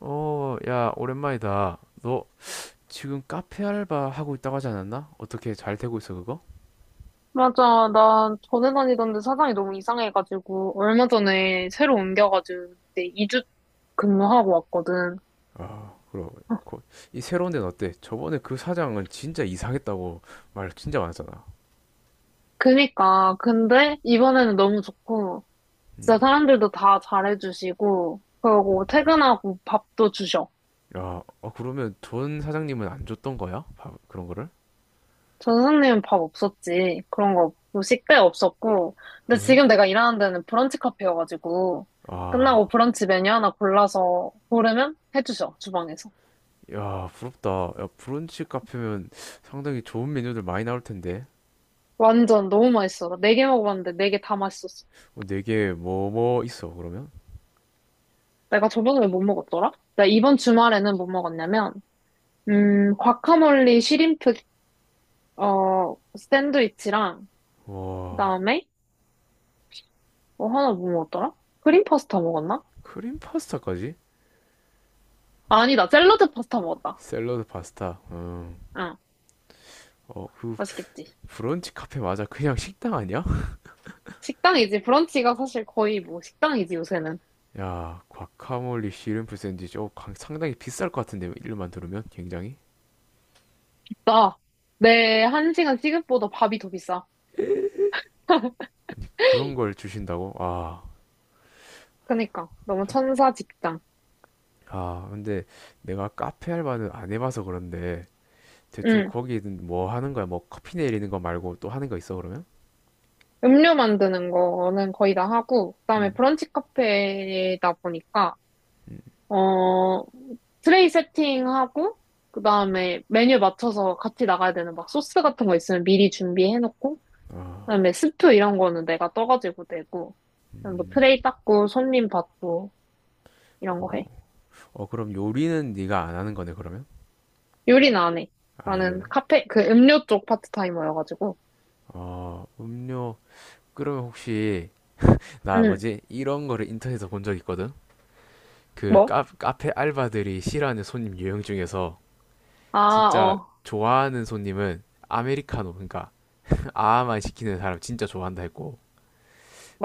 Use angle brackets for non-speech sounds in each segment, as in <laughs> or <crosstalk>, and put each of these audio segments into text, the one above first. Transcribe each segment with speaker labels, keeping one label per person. Speaker 1: 어, 야, 오랜만이다. 너 지금 카페 알바 하고 있다고 하지 않았나? 어떻게 잘 되고 있어, 그거?
Speaker 2: 맞아. 나 전에 다니던데 사장이 너무 이상해가지고, 얼마 전에 새로 옮겨가지고, 이제 2주 근무하고 왔거든.
Speaker 1: 아, 그럼. 거- 이 새로운 데는 어때? 저번에 그 사장은 진짜 이상했다고 말 진짜 많았잖아.
Speaker 2: 그니까. 근데 이번에는 너무 좋고,
Speaker 1: 음.
Speaker 2: 진짜 사람들도 다 잘해주시고, 그러고 퇴근하고 밥도 주셔.
Speaker 1: 야, 어, 그러면 전 사장님은 안 줬던 거야? 밥, 그런 거를?
Speaker 2: 전 선생님은 밥 없었지. 그런 거 없고, 식대 없었고. 근데
Speaker 1: 응?
Speaker 2: 지금 내가 일하는 데는 브런치 카페여가지고,
Speaker 1: 아,
Speaker 2: 끝나고 브런치 메뉴 하나 골라서 고르면 해주셔, 주방에서.
Speaker 1: 야, 부럽다. 야, 브런치 카페면 상당히 좋은 메뉴들 많이 나올 텐데.
Speaker 2: 완전 너무 맛있어. 나 네 개 먹어봤는데 네 개 다 맛있었어.
Speaker 1: 어, 네개 뭐 있어, 그러면?
Speaker 2: 내가 저번에 왜 못 먹었더라? 나 이번 주말에는 뭐 먹었냐면, 과카몰리 시림프, 어, 샌드위치랑, 그
Speaker 1: 와,
Speaker 2: 다음에, 뭐 하나 뭐 먹었더라? 크림 파스타 먹었나?
Speaker 1: 크림 파스타까지?
Speaker 2: 아니다, 샐러드 파스타 먹었다.
Speaker 1: 샐러드 파스타. 음.
Speaker 2: 응,
Speaker 1: 어, 그
Speaker 2: 맛있겠지.
Speaker 1: 브런치 카페 맞아? 그냥 식당 아니야?
Speaker 2: 식당이지. 브런치가 사실 거의 뭐 식당이지, 요새는.
Speaker 1: <laughs> 야, 과카몰리 씨름프 샌드위치. 어, 상당히 비쌀 것 같은데 이름만 들으면 굉장히
Speaker 2: 나, 내 한 시간 시급보다 밥이 더 비싸. <laughs>
Speaker 1: 그런 걸 주신다고? 아,
Speaker 2: 그니까 너무 천사 직장.
Speaker 1: 아, 근데 내가 카페 알바는 안 해봐서 그런데 대충
Speaker 2: 응.
Speaker 1: 거기는 뭐 하는 거야? 뭐 커피 내리는 거 말고 또 하는 거 있어 그러면?
Speaker 2: 음료 만드는 거는 거의 다 하고 그다음에
Speaker 1: 음,
Speaker 2: 브런치 카페다 보니까 어, 트레이 세팅하고, 그 다음에 메뉴 맞춰서 같이 나가야 되는 막 소스 같은 거 있으면 미리 준비해놓고, 그다음에 스프 이런 거는 내가 떠가지고 내고, 그다음에 뭐 트레이 닦고, 손님 받고, 이런 거 해.
Speaker 1: 어, 어 그럼 요리는 네가 안 하는 거네 그러면?
Speaker 2: 요리는 안 해.
Speaker 1: 아,
Speaker 2: 나는
Speaker 1: 요리.
Speaker 2: 카페, 그 음료 쪽 파트타이머여가지고.
Speaker 1: 어, 음료. 그러면 혹시 나
Speaker 2: 응,
Speaker 1: 뭐지? 이런 거를 인터넷에서 본 적 있거든? 그
Speaker 2: 뭐?
Speaker 1: 카페 알바들이 싫어하는 손님 유형 중에서
Speaker 2: 아,
Speaker 1: 진짜 좋아하는 손님은 아메리카노 그러니까 <laughs> 아만 아 시키는 사람 진짜 좋아한다 했고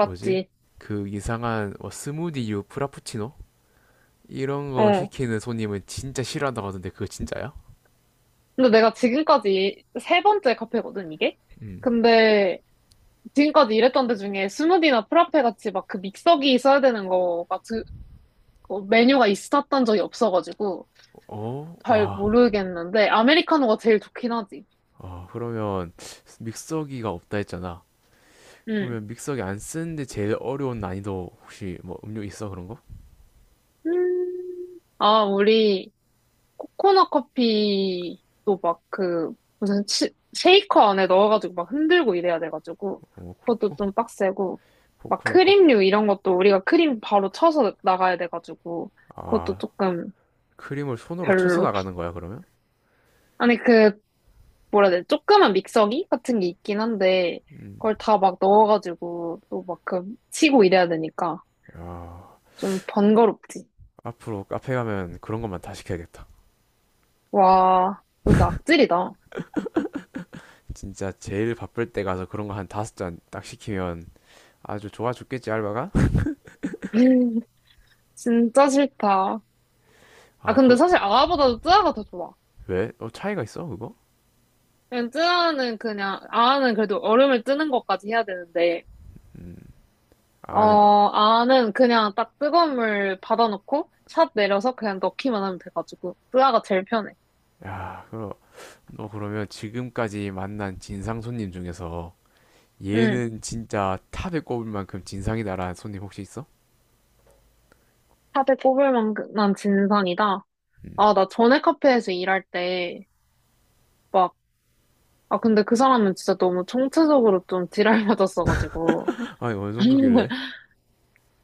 Speaker 1: 뭐지 그 이상한 뭐 스무디유 프라푸치노 이런 거
Speaker 2: 어.
Speaker 1: 시키는 손님은 진짜 싫어한다고 하던데 그거 진짜야?
Speaker 2: 근데 내가 지금까지 세 번째 카페거든, 이게?
Speaker 1: 음.
Speaker 2: 근데 지금까지 일했던 데 중에 스무디나 프라페 같이 막 그 믹서기 써야 되는 거가 메뉴가 있었던 적이 없어가지고
Speaker 1: 어?
Speaker 2: 잘
Speaker 1: 와.
Speaker 2: 모르겠는데 아메리카노가 제일 좋긴 하지.
Speaker 1: 어, 그러면 믹서기가 없다 했잖아.
Speaker 2: 응.
Speaker 1: 그러면 믹서기 안 쓰는데 제일 어려운 난이도 혹시 뭐 음료 있어 그런 거?
Speaker 2: 음. 아, 우리 코코넛 커피도 막 그 무슨 쉐이커 안에 넣어가지고 막 흔들고 이래야 돼가지고
Speaker 1: 어,
Speaker 2: 그것도
Speaker 1: 코코?
Speaker 2: 좀 빡세고 막
Speaker 1: 코코넛 커피.
Speaker 2: 크림류 이런 것도 우리가 크림 바로 쳐서 나가야 돼가지고 그것도
Speaker 1: 아,
Speaker 2: 조금
Speaker 1: 크림을 손으로 쳐서
Speaker 2: 별로.
Speaker 1: 나가는 거야, 그러면?
Speaker 2: 아니, 그, 뭐라 해야 돼? 조그만 믹서기 같은 게 있긴 한데,
Speaker 1: 음.
Speaker 2: 그걸 다 막 넣어가지고, 또 막 그, 치고 이래야 되니까,
Speaker 1: 야,
Speaker 2: 좀 번거롭지.
Speaker 1: 앞으로 카페 가면 그런 것만 다 시켜야겠다.
Speaker 2: 와, 너 진짜 악질이다.
Speaker 1: 진짜 제일 바쁠 때 가서 그런 거 한 다섯 잔 딱 시키면 아주 좋아 죽겠지, 알바가? <laughs>
Speaker 2: <laughs> 진짜 싫다. 아,
Speaker 1: 아,
Speaker 2: 근데
Speaker 1: 그,
Speaker 2: 사실 아아보다도 뜨아가 더 좋아.
Speaker 1: 왜? 어, 차이가 있어, 그거?
Speaker 2: 그냥 뜨아는 그냥, 아아는 그래도 얼음을 뜨는 것까지 해야 되는데, 어,
Speaker 1: 아, 네.
Speaker 2: 아아는 그냥 딱 뜨거운 물 받아놓고, 샷 내려서 그냥 넣기만 하면 돼가지고, 뜨아가 제일 편해.
Speaker 1: 야, 그럼, 너 그러면 지금까지 만난 진상 손님 중에서
Speaker 2: 응.
Speaker 1: 얘는 진짜 탑에 꼽을 만큼 진상이다라는 손님 혹시 있어?
Speaker 2: 샷에 꼽을 만한 진상이다.
Speaker 1: 음.
Speaker 2: 아, 나 전에 카페에서 일할 때, 막, 아, 근데 그 사람은 진짜 너무 총체적으로 좀 지랄맞았어가지고.
Speaker 1: 아니, 어느 정도길래?
Speaker 2: <laughs>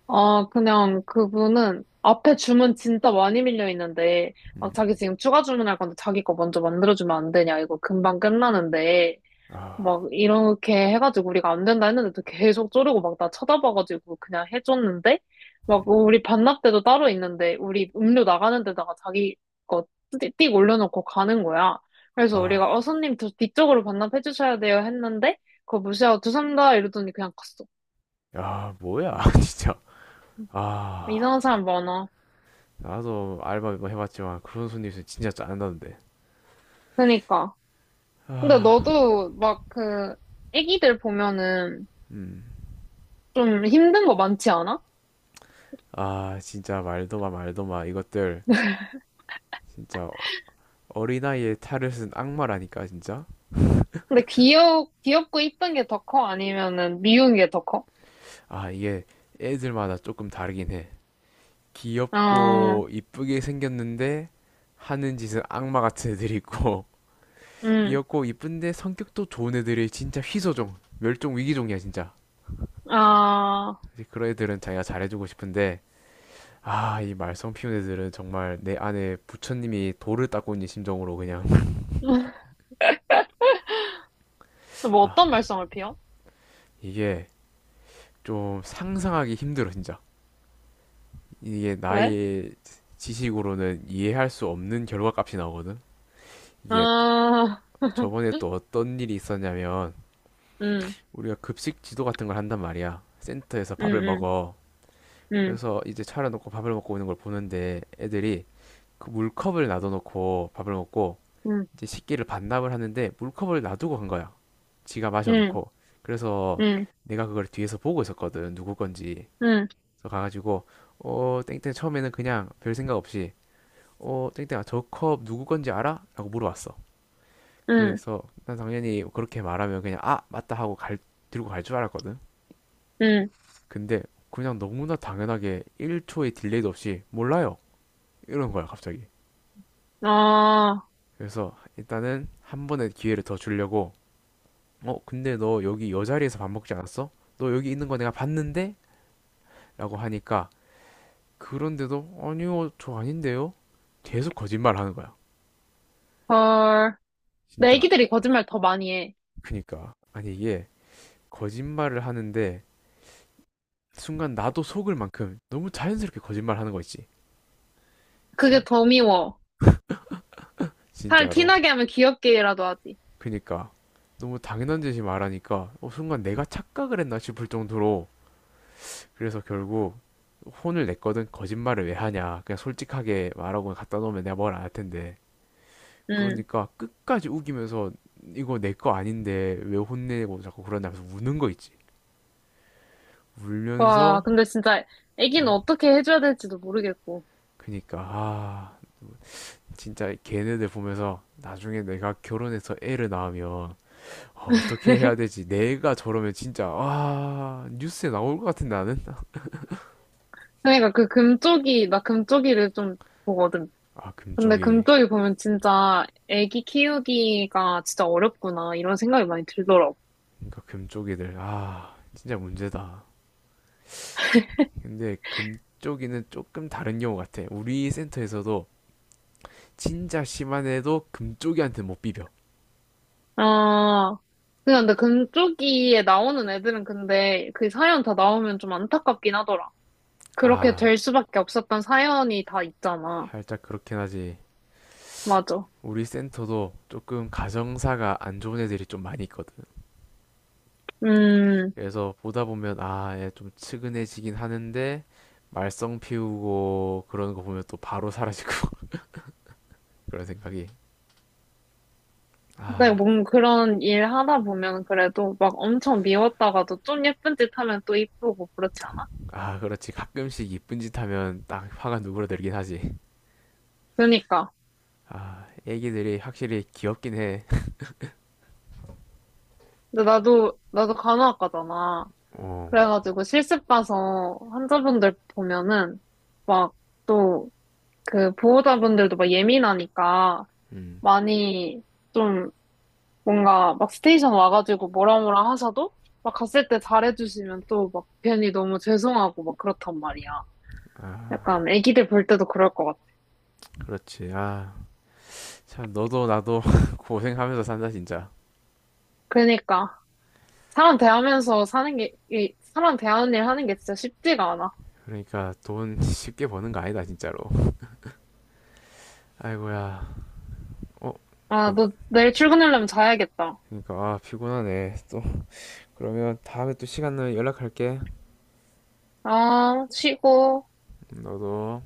Speaker 2: 아, 그냥 그분은 앞에 주문 진짜 많이 밀려 있는데,
Speaker 1: 음.
Speaker 2: 막 자기 지금 추가 주문할 건데 자기 거 먼저 만들어주면 안 되냐. 이거 금방 끝나는데.
Speaker 1: 아,
Speaker 2: 막 이렇게 해가지고 우리가 안 된다 했는데도 계속 쪼르고 막 나 쳐다봐가지고 그냥 해줬는데 막 우리 반납대도 따로 있는데 우리 음료 나가는 데다가 자기 거 띡 올려놓고 가는 거야. 그래서 우리가
Speaker 1: 아,
Speaker 2: 손님 저 뒤쪽으로 반납해 주셔야 돼요 했는데 그거 무시하고 죄송합니다 이러더니 그냥 갔어.
Speaker 1: 야, 뭐야, <laughs> 진짜.
Speaker 2: 이상한
Speaker 1: 아.
Speaker 2: 사람 많아.
Speaker 1: 나도 알바 뭐 해봤지만 그런 손님 있으면 진짜 짜증나는데.
Speaker 2: 그니까. 근데
Speaker 1: 아,
Speaker 2: 너도 막 그 애기들 보면은
Speaker 1: 음.
Speaker 2: 좀 힘든 거 많지 않아?
Speaker 1: 아, 진짜 말도 마, 말도 마. 이것들 진짜 어린아이의 탈을 쓴 악마라니까, 진짜.
Speaker 2: 근데 귀엽고 이쁜 게 더 커? 아니면은 미운 게 더 커?
Speaker 1: 아, 이게 애들마다 조금 다르긴 해.
Speaker 2: 어,
Speaker 1: 귀엽고 이쁘게 생겼는데 하는 짓은 악마 같은 애들이 있고 <laughs>
Speaker 2: 음,
Speaker 1: 귀엽고 이쁜데 성격도 좋은 애들이 진짜 희소종, 멸종 위기종이야, 진짜.
Speaker 2: 아,
Speaker 1: 그런 애들은 자기가 잘해주고 싶은데 아, 이 말썽 피운 애들은 정말 내 안에 부처님이 돌을 닦고 있는 심정으로 그냥 <laughs>
Speaker 2: <laughs> 뭐
Speaker 1: 아,
Speaker 2: 어떤 말썽을 피워?
Speaker 1: 이게 좀 상상하기 힘들어 진짜. 이게
Speaker 2: 왜?
Speaker 1: 나의 지식으로는 이해할 수 없는 결과값이 나오거든. 이게
Speaker 2: 아,
Speaker 1: 저번에
Speaker 2: <laughs>
Speaker 1: 또 어떤 일이 있었냐면
Speaker 2: 음,
Speaker 1: 우리가 급식 지도 같은 걸 한단 말이야. 센터에서 밥을
Speaker 2: 음,
Speaker 1: 먹어.
Speaker 2: 음,
Speaker 1: 그래서 이제 차려놓고 밥을 먹고 오는 걸 보는데 애들이 그 물컵을 놔둬놓고 밥을 먹고
Speaker 2: 음,
Speaker 1: 이제 식기를 반납을 하는데 물컵을 놔두고 간 거야. 지가
Speaker 2: 음,
Speaker 1: 마셔놓고. 그래서
Speaker 2: 음,
Speaker 1: 내가 그걸 뒤에서 보고 있었거든. 누구 건지.
Speaker 2: 음, 음,
Speaker 1: 그래서 가가지고 어 땡땡 처음에는 그냥 별 생각 없이 어 땡땡아 저 컵 누구 건지 알아? 라고 물어봤어.
Speaker 2: 음,
Speaker 1: 그래서 난 당연히 그렇게 말하면 그냥 아 맞다 하고 갈 들고 갈 줄 알았거든.
Speaker 2: 음,
Speaker 1: 근데 그냥 너무나 당연하게 1초의 딜레이도 없이 몰라요. 이런 거야 갑자기.
Speaker 2: 아,
Speaker 1: 그래서 일단은 한 번의 기회를 더 주려고 어, 근데 너 여기 여 자리에서 밥 먹지 않았어? 너 여기 있는 거 내가 봤는데? 라고 하니까 그런데도 아니요, 저 아닌데요? 계속 거짓말 하는 거야.
Speaker 2: 헐. 내
Speaker 1: 진짜.
Speaker 2: 애기들이 거짓말 더 많이 해.
Speaker 1: 그니까. 아니 이게 거짓말을 하는데 순간 나도 속을 만큼 너무 자연스럽게 거짓말 하는 거 있지.
Speaker 2: 그게
Speaker 1: 진,
Speaker 2: 더 미워. 살
Speaker 1: 진짜로.
Speaker 2: 티나게 하면 귀엽게라도 하지.
Speaker 1: 그니까. 너무 당연한 듯이 말하니까 어, 순간 내가 착각을 했나 싶을 정도로 그래서 결국 혼을 냈거든. 거짓말을 왜 하냐. 그냥 솔직하게 말하고 갖다 놓으면 내가 뭘 안 할 텐데.
Speaker 2: 음.
Speaker 1: 그러니까 끝까지 우기면서 이거 내 거 아닌데 왜 혼내고 자꾸 그러냐면서 우는 거 있지.
Speaker 2: 와,
Speaker 1: 울면서
Speaker 2: 근데 진짜 애기는
Speaker 1: 어
Speaker 2: 어떻게 해줘야 될지도 모르겠고.
Speaker 1: 그니까 아 진짜 걔네들 보면서 나중에 내가 결혼해서 애를 낳으면 어떻게 해야
Speaker 2: <laughs>
Speaker 1: 되지? 내가 저러면 진짜 아 뉴스에 나올 것 같은데 나는
Speaker 2: 그러니까 나 금쪽이를 좀 보거든.
Speaker 1: 아
Speaker 2: 근데
Speaker 1: 금쪽이
Speaker 2: 금쪽이 보면 진짜 애기 키우기가 진짜 어렵구나 이런 생각이 많이 들더라고.
Speaker 1: 그러니까 금쪽이들 아 진짜 문제다. 근데 금쪽이는 조금 다른 경우 같아. 우리 센터에서도 진짜 심한 애도 금쪽이한테 못 비벼.
Speaker 2: 아, 그냥 근데 금쪽이에 나오는 애들은 근데 그 사연 다 나오면 좀 안타깝긴 하더라. 그렇게
Speaker 1: 아
Speaker 2: 될 수밖에 없었던 사연이 다 있잖아.
Speaker 1: 살짝 그렇긴 하지.
Speaker 2: 맞아.
Speaker 1: 우리 센터도 조금 가정사가 안 좋은 애들이 좀 많이 있거든.
Speaker 2: 음.
Speaker 1: 그래서 보다 보면 아, 얘 좀 측은해지긴 하는데 말썽 피우고 그러는 거 보면 또 바로 사라지고 <laughs> 그런 생각이.
Speaker 2: 근데
Speaker 1: 아,
Speaker 2: 뭔 그런 일 하다 보면 그래도 막 엄청 미웠다가도 좀 예쁜 짓 하면 또 이쁘고 그렇지 않아?
Speaker 1: 아, 그렇지. 가끔씩 이쁜 짓 하면 딱 화가 누그러들긴 하지.
Speaker 2: 그러니까.
Speaker 1: 아, 애기들이 확실히 귀엽긴 해. <laughs>
Speaker 2: 근데 나도 간호학과잖아.
Speaker 1: 어,
Speaker 2: 그래가지고 실습 가서 환자분들 보면은 막 또 그 보호자분들도 막 예민하니까
Speaker 1: 음,
Speaker 2: 많이 좀 뭔가 막 스테이션 와가지고 뭐라 뭐라 하셔도 막 갔을 때 잘해주시면 또 막 괜히 너무 죄송하고 막 그렇단 말이야.
Speaker 1: 아,
Speaker 2: 약간 애기들 볼 때도 그럴 것 같아.
Speaker 1: 그렇지. 아, 참 너도 나도 <laughs> 고생하면서 산다 진짜.
Speaker 2: 그러니까 사람 대하면서 사는 게, 이 사람 대하는 일 하는 게 진짜 쉽지가 않아.
Speaker 1: 그러니까 돈 쉽게 버는 거 아니다 진짜로. 아이고야. 어,
Speaker 2: 아,
Speaker 1: 잠깐.
Speaker 2: 너 내일 출근하려면 자야겠다.
Speaker 1: 그러니까 아, 피곤하네. 또 그러면 다음에 또 시간 나면 연락할게.
Speaker 2: 아, 쉬고.
Speaker 1: 너도.